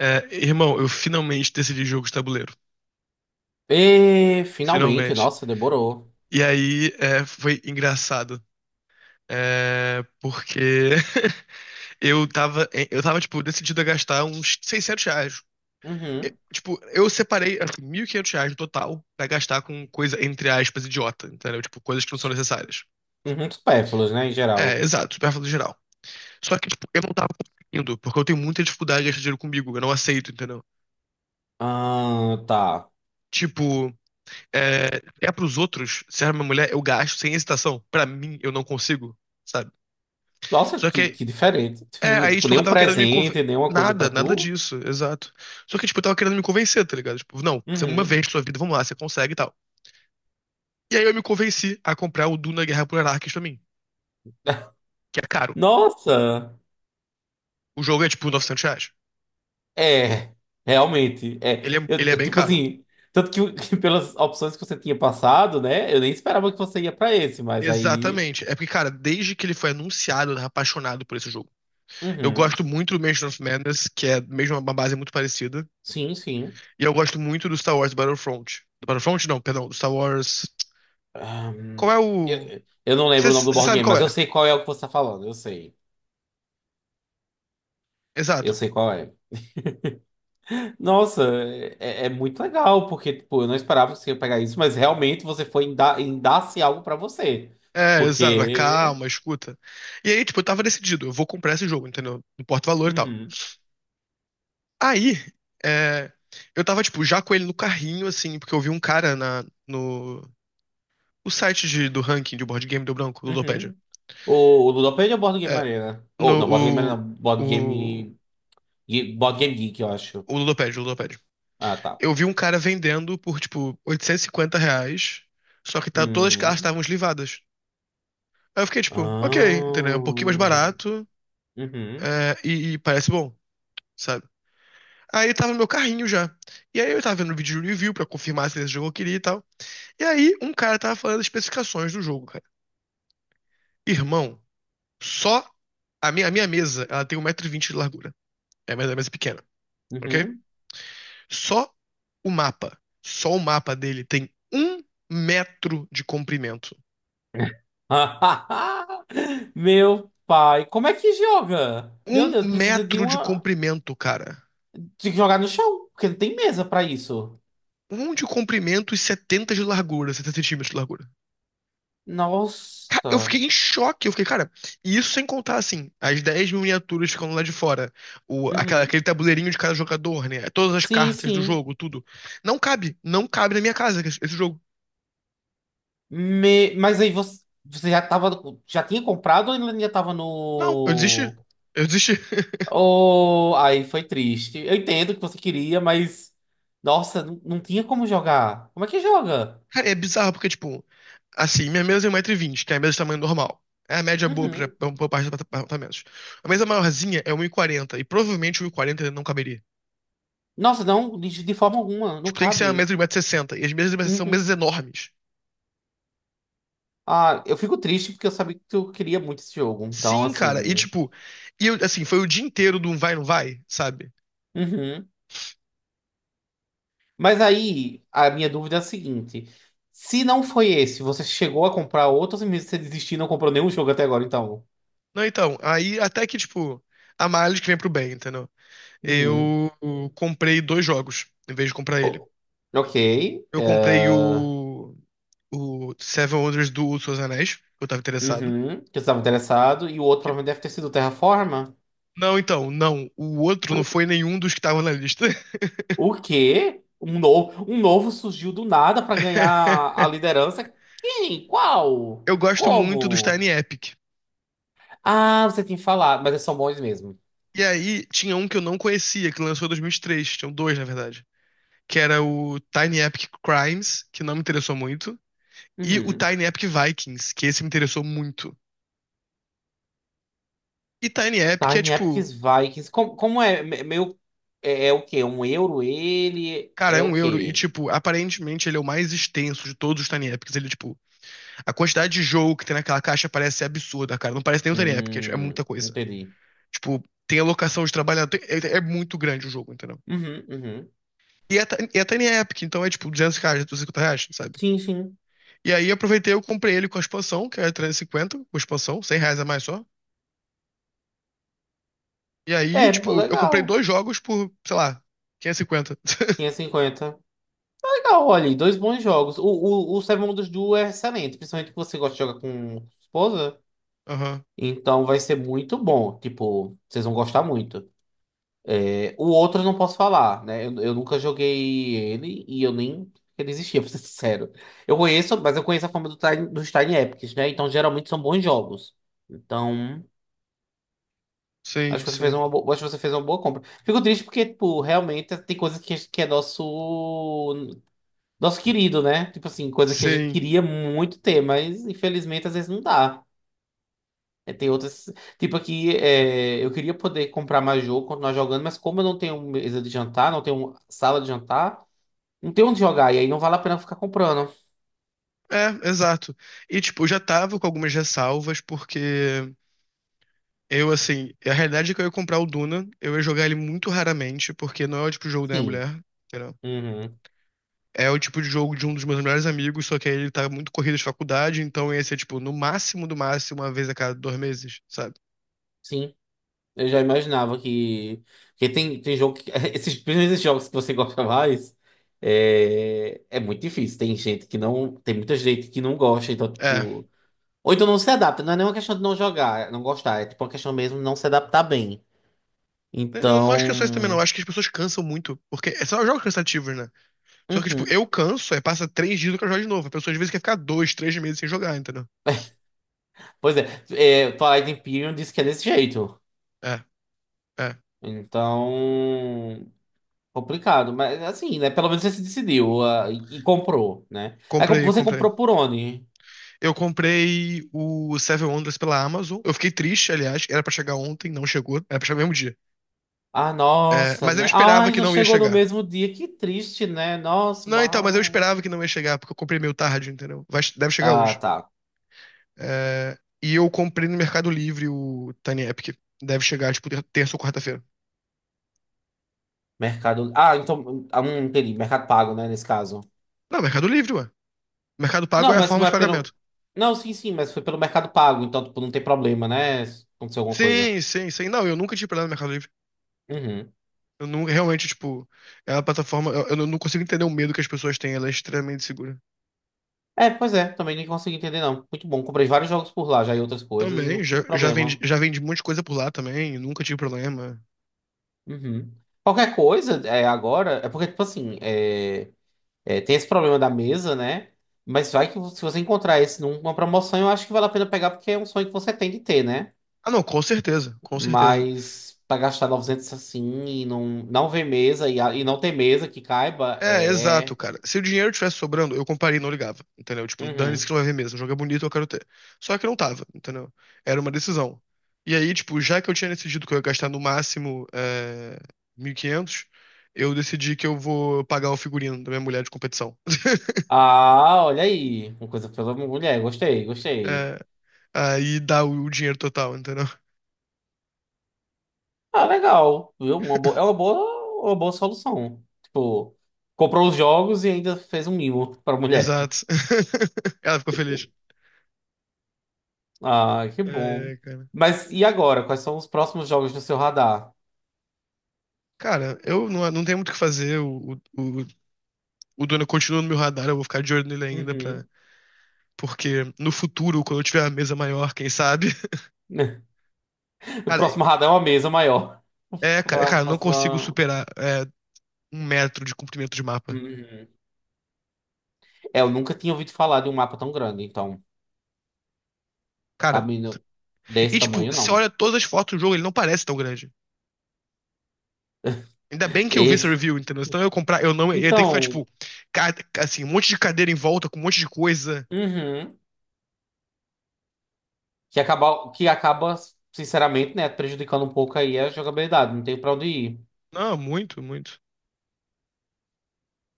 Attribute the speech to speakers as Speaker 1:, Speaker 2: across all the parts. Speaker 1: É, irmão, eu finalmente decidi jogo de tabuleiro.
Speaker 2: E finalmente,
Speaker 1: Finalmente.
Speaker 2: nossa, demorou.
Speaker 1: E aí foi engraçado. É, porque eu tava, tipo, decidido a gastar uns R$ 600. Eu,
Speaker 2: Uhum.
Speaker 1: tipo, eu separei, assim, R$ 1.500 no total pra gastar com coisa, entre aspas, idiota, entendeu? Tipo, coisas que não são
Speaker 2: S-
Speaker 1: necessárias.
Speaker 2: Uhum, supérfluos, né, em
Speaker 1: É,
Speaker 2: geral.
Speaker 1: exato, superfluo geral. Só que, tipo, eu não tava conseguindo, porque eu tenho muita dificuldade de gastar dinheiro comigo, eu não aceito, entendeu?
Speaker 2: Ah, tá.
Speaker 1: Tipo, é pros outros, se é uma mulher, eu gasto sem hesitação. Pra mim, eu não consigo, sabe?
Speaker 2: Nossa,
Speaker 1: Só
Speaker 2: que,
Speaker 1: que,
Speaker 2: que diferente.
Speaker 1: aí,
Speaker 2: Tipo,
Speaker 1: só que eu
Speaker 2: nenhum
Speaker 1: tava querendo me convencer.
Speaker 2: presente, nenhuma coisa
Speaker 1: Nada,
Speaker 2: pra
Speaker 1: nada
Speaker 2: tu.
Speaker 1: disso, exato. Só que, tipo, eu tava querendo me convencer, tá ligado? Tipo, não, você é uma vez
Speaker 2: Uhum.
Speaker 1: na sua vida, vamos lá, você consegue e tal. E aí eu me convenci a comprar o Duna Guerra por Arrakis pra mim, que é caro.
Speaker 2: Nossa!
Speaker 1: O jogo é, tipo, R$ 900.
Speaker 2: É, realmente. É,
Speaker 1: Ele é,
Speaker 2: eu,
Speaker 1: ele é
Speaker 2: eu,
Speaker 1: bem
Speaker 2: tipo
Speaker 1: caro.
Speaker 2: assim, tanto que, que pelas opções que você tinha passado, né, eu nem esperava que você ia pra esse, mas aí.
Speaker 1: Exatamente. É porque, cara, desde que ele foi anunciado, eu tava apaixonado por esse jogo. Eu
Speaker 2: Uhum.
Speaker 1: gosto muito do Mansion of Madness, que é mesmo uma base muito parecida.
Speaker 2: Sim, sim.
Speaker 1: E eu gosto muito do Star Wars Battlefront. Do Battlefront, não, perdão, do Star Wars. Qual é
Speaker 2: Ahn,
Speaker 1: o.
Speaker 2: eu não lembro
Speaker 1: Você
Speaker 2: o nome do board
Speaker 1: sabe
Speaker 2: game,
Speaker 1: qual
Speaker 2: mas eu
Speaker 1: é?
Speaker 2: sei qual é o que você tá falando, eu sei. Eu
Speaker 1: Exato.
Speaker 2: sei qual é. Nossa, é, é muito legal, porque tipo, eu não esperava que você ia pegar isso, mas realmente você foi em dar, em dar-se algo pra você.
Speaker 1: É, exato. A
Speaker 2: Porque.
Speaker 1: calma, a escuta. E aí, tipo, eu tava decidido, eu vou comprar esse jogo, entendeu? No porta-valor e tal.
Speaker 2: Uhum,
Speaker 1: Aí, é, eu tava, tipo, já com ele no carrinho, assim, porque eu vi um cara no. O site do ranking de board game do branco, do Ludopédia.
Speaker 2: uhum. O, o Ludopédia é o Board Game
Speaker 1: É,
Speaker 2: Arena?
Speaker 1: no.
Speaker 2: Ou, não, Board Game Arena, não, Board
Speaker 1: O,
Speaker 2: Game. Board Game Geek, eu acho.
Speaker 1: o Ludopédia, o.
Speaker 2: Ah, tá.
Speaker 1: Eu vi um cara vendendo por, tipo, R$ 850, só que tá, todas as cartas
Speaker 2: Hum.
Speaker 1: estavam eslivadas. Aí eu fiquei, tipo,
Speaker 2: Ah.
Speaker 1: ok, entendeu? É, um pouquinho mais barato,
Speaker 2: Uhum,
Speaker 1: e parece bom, sabe? Aí tava no meu carrinho já. E aí eu tava vendo um vídeo de review pra confirmar se esse jogo eu queria e tal. E aí um cara tava falando das especificações do jogo, cara. Irmão, só a minha mesa, ela tem 1,20 m de largura. É a mesa pequena, ok?
Speaker 2: uhum.
Speaker 1: Só só o mapa dele tem 1 metro de comprimento.
Speaker 2: Meu pai, como é que joga? Meu
Speaker 1: Um
Speaker 2: Deus, precisa de
Speaker 1: metro de
Speaker 2: uma.
Speaker 1: comprimento, cara.
Speaker 2: Tem que jogar no chão, porque não tem mesa pra isso.
Speaker 1: Um de comprimento e setenta centímetros de largura. Eu
Speaker 2: Nossa.
Speaker 1: fiquei em choque. Eu fiquei, cara, e isso sem contar, assim, as 10 miniaturas ficando lá de fora. O, aquela,
Speaker 2: Uhum.
Speaker 1: aquele tabuleirinho de cada jogador, né? Todas as
Speaker 2: Sim,
Speaker 1: cartas do
Speaker 2: sim.
Speaker 1: jogo, tudo. Não cabe. Não cabe na minha casa esse jogo.
Speaker 2: Mas aí você já tava, já tinha comprado ou ainda tava
Speaker 1: Não, eu desisti.
Speaker 2: no...
Speaker 1: Eu desisti.
Speaker 2: Oh, aí foi triste. Eu entendo que você queria, mas... Nossa, não, não tinha como jogar. Como é que joga?
Speaker 1: Cara, é bizarro porque, tipo, assim, minha mesa é 1,20 m, que é a mesa de tamanho normal. É a média boa pra,
Speaker 2: Uhum.
Speaker 1: pra, pra parte dos apartamentos. A mesa maiorzinha é 1,40 m e provavelmente 1,40 m não caberia.
Speaker 2: Nossa, não, de forma alguma, não
Speaker 1: Tipo, tem que ser uma
Speaker 2: cabe.
Speaker 1: mesa de 1,60 m, e sessenta, e as mesas de 1,60 m são mesas
Speaker 2: Uhum.
Speaker 1: enormes.
Speaker 2: Ah, eu fico triste porque eu sabia que tu queria muito esse jogo. Então,
Speaker 1: Sim, cara, e
Speaker 2: assim...
Speaker 1: tipo, e eu, assim, foi o dia inteiro do um vai, não vai, sabe?
Speaker 2: Uhum. Mas aí, a minha dúvida é a seguinte: se não foi esse, você chegou a comprar outros e mesmo você desistiu e não comprou nenhum jogo até agora, então?
Speaker 1: Não, então, aí até que, tipo, a males que vem pro bem, entendeu? Eu
Speaker 2: Uhum.
Speaker 1: comprei dois jogos, em vez de comprar ele.
Speaker 2: O- Ok.
Speaker 1: Eu comprei
Speaker 2: eh,
Speaker 1: o Seven Wonders do Senhor dos Anéis, que eu tava interessado.
Speaker 2: Uhum. Que você estava interessado. E o outro
Speaker 1: Que-
Speaker 2: provavelmente deve ter sido o Terraforma.
Speaker 1: Não, então, não. O outro não foi nenhum dos que estavam na lista.
Speaker 2: O quê? Um novo surgiu do nada para ganhar a liderança. Quem? Qual?
Speaker 1: Eu gosto muito dos
Speaker 2: Como?
Speaker 1: Tiny Epic.
Speaker 2: Ah, você tem falado, mas eles são bons mesmo.
Speaker 1: E aí tinha um que eu não conhecia, que lançou em 2003. Tinham dois, na verdade. Que era o Tiny Epic Crimes, que não me interessou muito. E o
Speaker 2: Uhum.
Speaker 1: Tiny Epic Vikings, que esse me interessou muito. E Tiny Epic é
Speaker 2: Tiny Epics
Speaker 1: tipo.
Speaker 2: Vikings. Como, como é? Meio. É, é o quê? Um euro ele?
Speaker 1: Cara,
Speaker 2: É
Speaker 1: é
Speaker 2: o
Speaker 1: um euro. E,
Speaker 2: quê?
Speaker 1: tipo, aparentemente ele é o mais extenso de todos os Tiny Epics. Ele, tipo, a quantidade de jogo que tem naquela caixa parece ser absurda, cara. Não parece nem um Tiny Epic, é, tipo, é muita coisa.
Speaker 2: Entendi.
Speaker 1: Tipo, tem alocação de trabalhador. É muito grande o jogo, entendeu?
Speaker 2: Uhum, uhum.
Speaker 1: E é Tiny Epic, então é tipo R$ 200, R$ 250, sabe?
Speaker 2: Sim, sim.
Speaker 1: E aí eu aproveitei, eu comprei ele com a expansão, que era 350 com a expansão, R$ 100 a mais só. E aí,
Speaker 2: É, pô,
Speaker 1: tipo, eu comprei
Speaker 2: legal.
Speaker 1: dois jogos por, sei lá, 550.
Speaker 2: 550. Legal, olha aí, dois bons jogos. O Seven Wonders Duel é excelente, principalmente que você gosta de jogar com esposa.
Speaker 1: Aham.
Speaker 2: Então vai ser muito bom. Tipo, vocês vão gostar muito. É, o outro eu não posso falar, né? Eu nunca joguei ele e eu nem ele existia, pra ser sincero. Eu conheço, mas eu conheço a fama do dos Tiny Epics, né? Então geralmente são bons jogos. Então, acho
Speaker 1: Sim,
Speaker 2: que você fez
Speaker 1: sim.
Speaker 2: uma boa, acho que você fez uma boa compra. Fico triste porque, tipo, realmente tem coisa que é nosso nosso querido, né? Tipo assim, coisa que a gente
Speaker 1: Sim.
Speaker 2: queria muito ter, mas infelizmente às vezes não dá. É, tem outras. Tipo aqui, é, eu queria poder comprar mais jogo, continuar jogando, mas como eu não tenho mesa de jantar, não tenho sala de jantar. Não tem onde jogar, e aí não vale a pena ficar comprando.
Speaker 1: É, exato. E, tipo, eu já tava com algumas ressalvas, porque eu, assim, a realidade é que eu ia comprar o Duna, eu ia jogar ele muito raramente, porque não é o tipo de jogo da minha
Speaker 2: Sim.
Speaker 1: mulher.
Speaker 2: Uhum.
Speaker 1: É o tipo de jogo de um dos meus melhores amigos, só que aí ele tá muito corrido de faculdade, então ia ser, tipo, no máximo do máximo, uma vez a cada 2 meses, sabe?
Speaker 2: Sim. Eu já imaginava que. Porque tem, tem jogo que. Esses, principalmente esses jogos que você gosta mais. É, é muito difícil. Tem gente que não. Tem muita gente que não gosta, então,
Speaker 1: É.
Speaker 2: tipo. Ou então não se adapta. Não é nenhuma questão de não jogar, é não gostar. É tipo uma questão mesmo de não se adaptar bem.
Speaker 1: Eu não acho que é só isso também, não.
Speaker 2: Então.
Speaker 1: Eu acho que as pessoas cansam muito. Porque são jogos cansativos, né? Só que, tipo,
Speaker 2: Uhum.
Speaker 1: eu canso, aí passa 3 dias eu quero jogar de novo. A pessoa às vezes quer ficar 2, 3 meses sem jogar, entendeu?
Speaker 2: Pois é. É Twilight Imperium, disse que é desse jeito.
Speaker 1: É, é.
Speaker 2: Então. Complicado, mas assim, né? Pelo menos você se decidiu, ah, e comprou, né? Aí
Speaker 1: Comprei,
Speaker 2: você
Speaker 1: comprei.
Speaker 2: comprou por onde?
Speaker 1: Eu comprei o Seven Wonders pela Amazon. Eu fiquei triste, aliás. Era pra chegar ontem, não chegou. Era pra chegar no mesmo dia.
Speaker 2: Ah,
Speaker 1: É,
Speaker 2: nossa,
Speaker 1: mas eu
Speaker 2: né?
Speaker 1: esperava
Speaker 2: Ai,
Speaker 1: que
Speaker 2: já
Speaker 1: não ia
Speaker 2: chegou no
Speaker 1: chegar.
Speaker 2: mesmo dia. Que triste, né? Nossa,
Speaker 1: Não, então, mas eu
Speaker 2: uau.
Speaker 1: esperava que não ia chegar, porque eu comprei meio tarde, entendeu? Deve chegar
Speaker 2: Ah,
Speaker 1: hoje.
Speaker 2: tá.
Speaker 1: É, e eu comprei no Mercado Livre o Tiny Epic. Deve chegar, tipo, terça ou quarta-feira.
Speaker 2: Mercado. Ah, então. Ah, entendi. Mercado Pago, né? Nesse caso.
Speaker 1: Não, Mercado Livre, ué. Mercado Pago
Speaker 2: Não,
Speaker 1: é a
Speaker 2: mas
Speaker 1: forma
Speaker 2: não
Speaker 1: de
Speaker 2: é pelo.
Speaker 1: pagamento.
Speaker 2: Não, sim, sim, mas foi pelo Mercado Pago, então, tipo, não tem problema, né? Se aconteceu alguma coisa.
Speaker 1: Sim, sim, sim. Não, eu nunca tive parado no Mercado Livre.
Speaker 2: Uhum.
Speaker 1: Eu nunca, realmente, tipo, é uma plataforma. Eu não consigo entender o medo que as pessoas têm, ela é extremamente segura.
Speaker 2: É, pois é, também nem consegui entender, não. Muito bom. Comprei vários jogos por lá já e outras coisas e
Speaker 1: Também,
Speaker 2: nunca
Speaker 1: já,
Speaker 2: tive
Speaker 1: já vendi,
Speaker 2: problema.
Speaker 1: já vendi um monte de coisa por lá também, nunca tive problema.
Speaker 2: Uhum. Qualquer coisa é, agora, é porque, tipo assim, é, é, tem esse problema da mesa, né? Mas vai que se você encontrar esse numa promoção, eu acho que vale a pena pegar, porque é um sonho que você tem de ter, né?
Speaker 1: Ah, não, com certeza, com certeza.
Speaker 2: Mas pra gastar 900 assim e não, não ver mesa e, e não ter mesa que caiba,
Speaker 1: É, exato,
Speaker 2: é.
Speaker 1: cara. Se o dinheiro tivesse sobrando, eu compraria e não ligava, entendeu? Tipo, dane-se que
Speaker 2: Uhum.
Speaker 1: não vai ver mesmo. O jogo é bonito, eu quero ter. Só que não tava, entendeu? Era uma decisão. E aí, tipo, já que eu tinha decidido que eu ia gastar no máximo 1.500, eu decidi que eu vou pagar o figurino da minha mulher de competição.
Speaker 2: Ah, olha aí. Uma coisa pela mulher, gostei, gostei.
Speaker 1: É, aí dá o dinheiro total, entendeu?
Speaker 2: Ah, legal, viu? Uma boa, é uma boa solução. Tipo, comprou os jogos e ainda fez um mimo pra mulher.
Speaker 1: Exato. Ela ficou feliz.
Speaker 2: Ah, que bom.
Speaker 1: É, cara.
Speaker 2: Mas e agora? Quais são os próximos jogos no seu radar?
Speaker 1: Cara, eu não tenho muito o que fazer. O Duna continua no meu radar, eu vou ficar de olho nele ainda pra.
Speaker 2: Uhum.
Speaker 1: Porque no futuro, quando eu tiver a mesa maior, quem sabe?
Speaker 2: O
Speaker 1: Cara,
Speaker 2: próximo radar é uma mesa maior.
Speaker 1: cara, cara, eu não consigo
Speaker 2: Próxima.
Speaker 1: superar 1 metro de comprimento de mapa.
Speaker 2: Uhum. É, eu nunca tinha ouvido falar de um mapa tão grande, então,
Speaker 1: Cara,
Speaker 2: sabe, desse
Speaker 1: e tipo,
Speaker 2: tamanho
Speaker 1: se
Speaker 2: não.
Speaker 1: olha todas as fotos do jogo, ele não parece tão grande. Ainda bem que eu vi essa
Speaker 2: Esse.
Speaker 1: review, entendeu? Senão eu ia comprar, eu não, eu ia ter que ficar,
Speaker 2: Então,
Speaker 1: tipo, assim, um monte de cadeira em volta, com um monte de coisa.
Speaker 2: uhum. Que acaba, sinceramente, né, prejudicando um pouco aí a jogabilidade. Não tem pra onde ir.
Speaker 1: Não, muito, muito.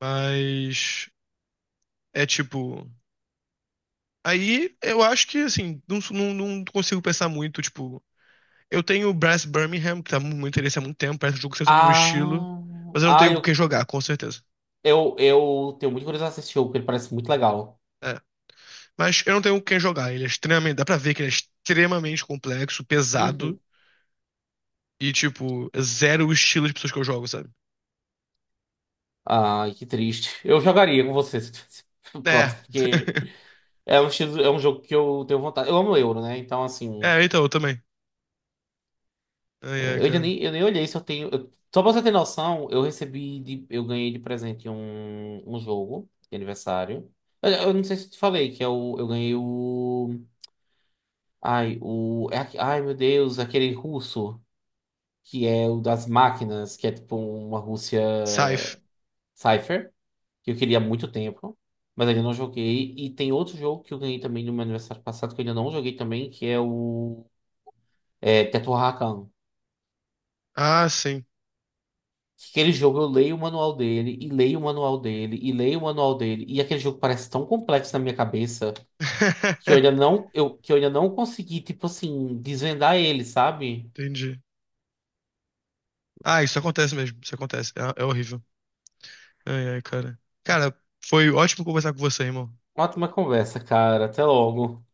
Speaker 1: Mas é tipo. Aí eu acho que, assim, não consigo pensar muito, tipo. Eu tenho o Brass Birmingham, que tá muito interesse há muito tempo, parece um jogo sempre do meu estilo,
Speaker 2: Ah,
Speaker 1: mas eu não tenho com quem
Speaker 2: eu,
Speaker 1: jogar, com certeza.
Speaker 2: eu tenho muito curiosidade de assistir o jogo, porque ele parece muito legal.
Speaker 1: É. Mas eu não tenho com quem jogar, ele é extremamente, dá pra ver que ele é extremamente complexo, pesado
Speaker 2: Uhum.
Speaker 1: e, tipo, é zero o estilo de pessoas que eu jogo, sabe?
Speaker 2: Ai, que triste. Eu jogaria com você se tivesse
Speaker 1: É.
Speaker 2: próximo, porque é um, é um jogo que eu tenho vontade. Eu amo Euro, né? Então, assim,
Speaker 1: É, então, eu também. Ai,
Speaker 2: é,
Speaker 1: ai,
Speaker 2: eu ainda
Speaker 1: cara.
Speaker 2: nem, eu nem olhei se eu tenho. Só pra você ter noção, eu recebi, eu ganhei de presente um, um jogo de aniversário. Eu não sei se eu te falei, que é o, eu ganhei o. Ai, o. É ai, meu Deus, aquele russo, que é o das máquinas, que é tipo uma Rússia.
Speaker 1: Scythe.
Speaker 2: Cypher. Que eu queria há muito tempo, mas ainda não joguei. E tem outro jogo que eu ganhei também no meu aniversário passado, que eu ainda não joguei também, que é o Teto Rakan.
Speaker 1: Ah, sim.
Speaker 2: Que aquele jogo eu leio o manual dele, e leio o manual dele, e leio o manual dele, e aquele jogo parece tão complexo na minha cabeça que eu ainda não, eu, que eu ainda não consegui, tipo assim, desvendar ele, sabe?
Speaker 1: Entendi. Ah, isso acontece mesmo, isso acontece. É, é horrível. Ai, ai, cara. Cara, foi ótimo conversar com você, irmão.
Speaker 2: Ótima conversa, cara. Até logo.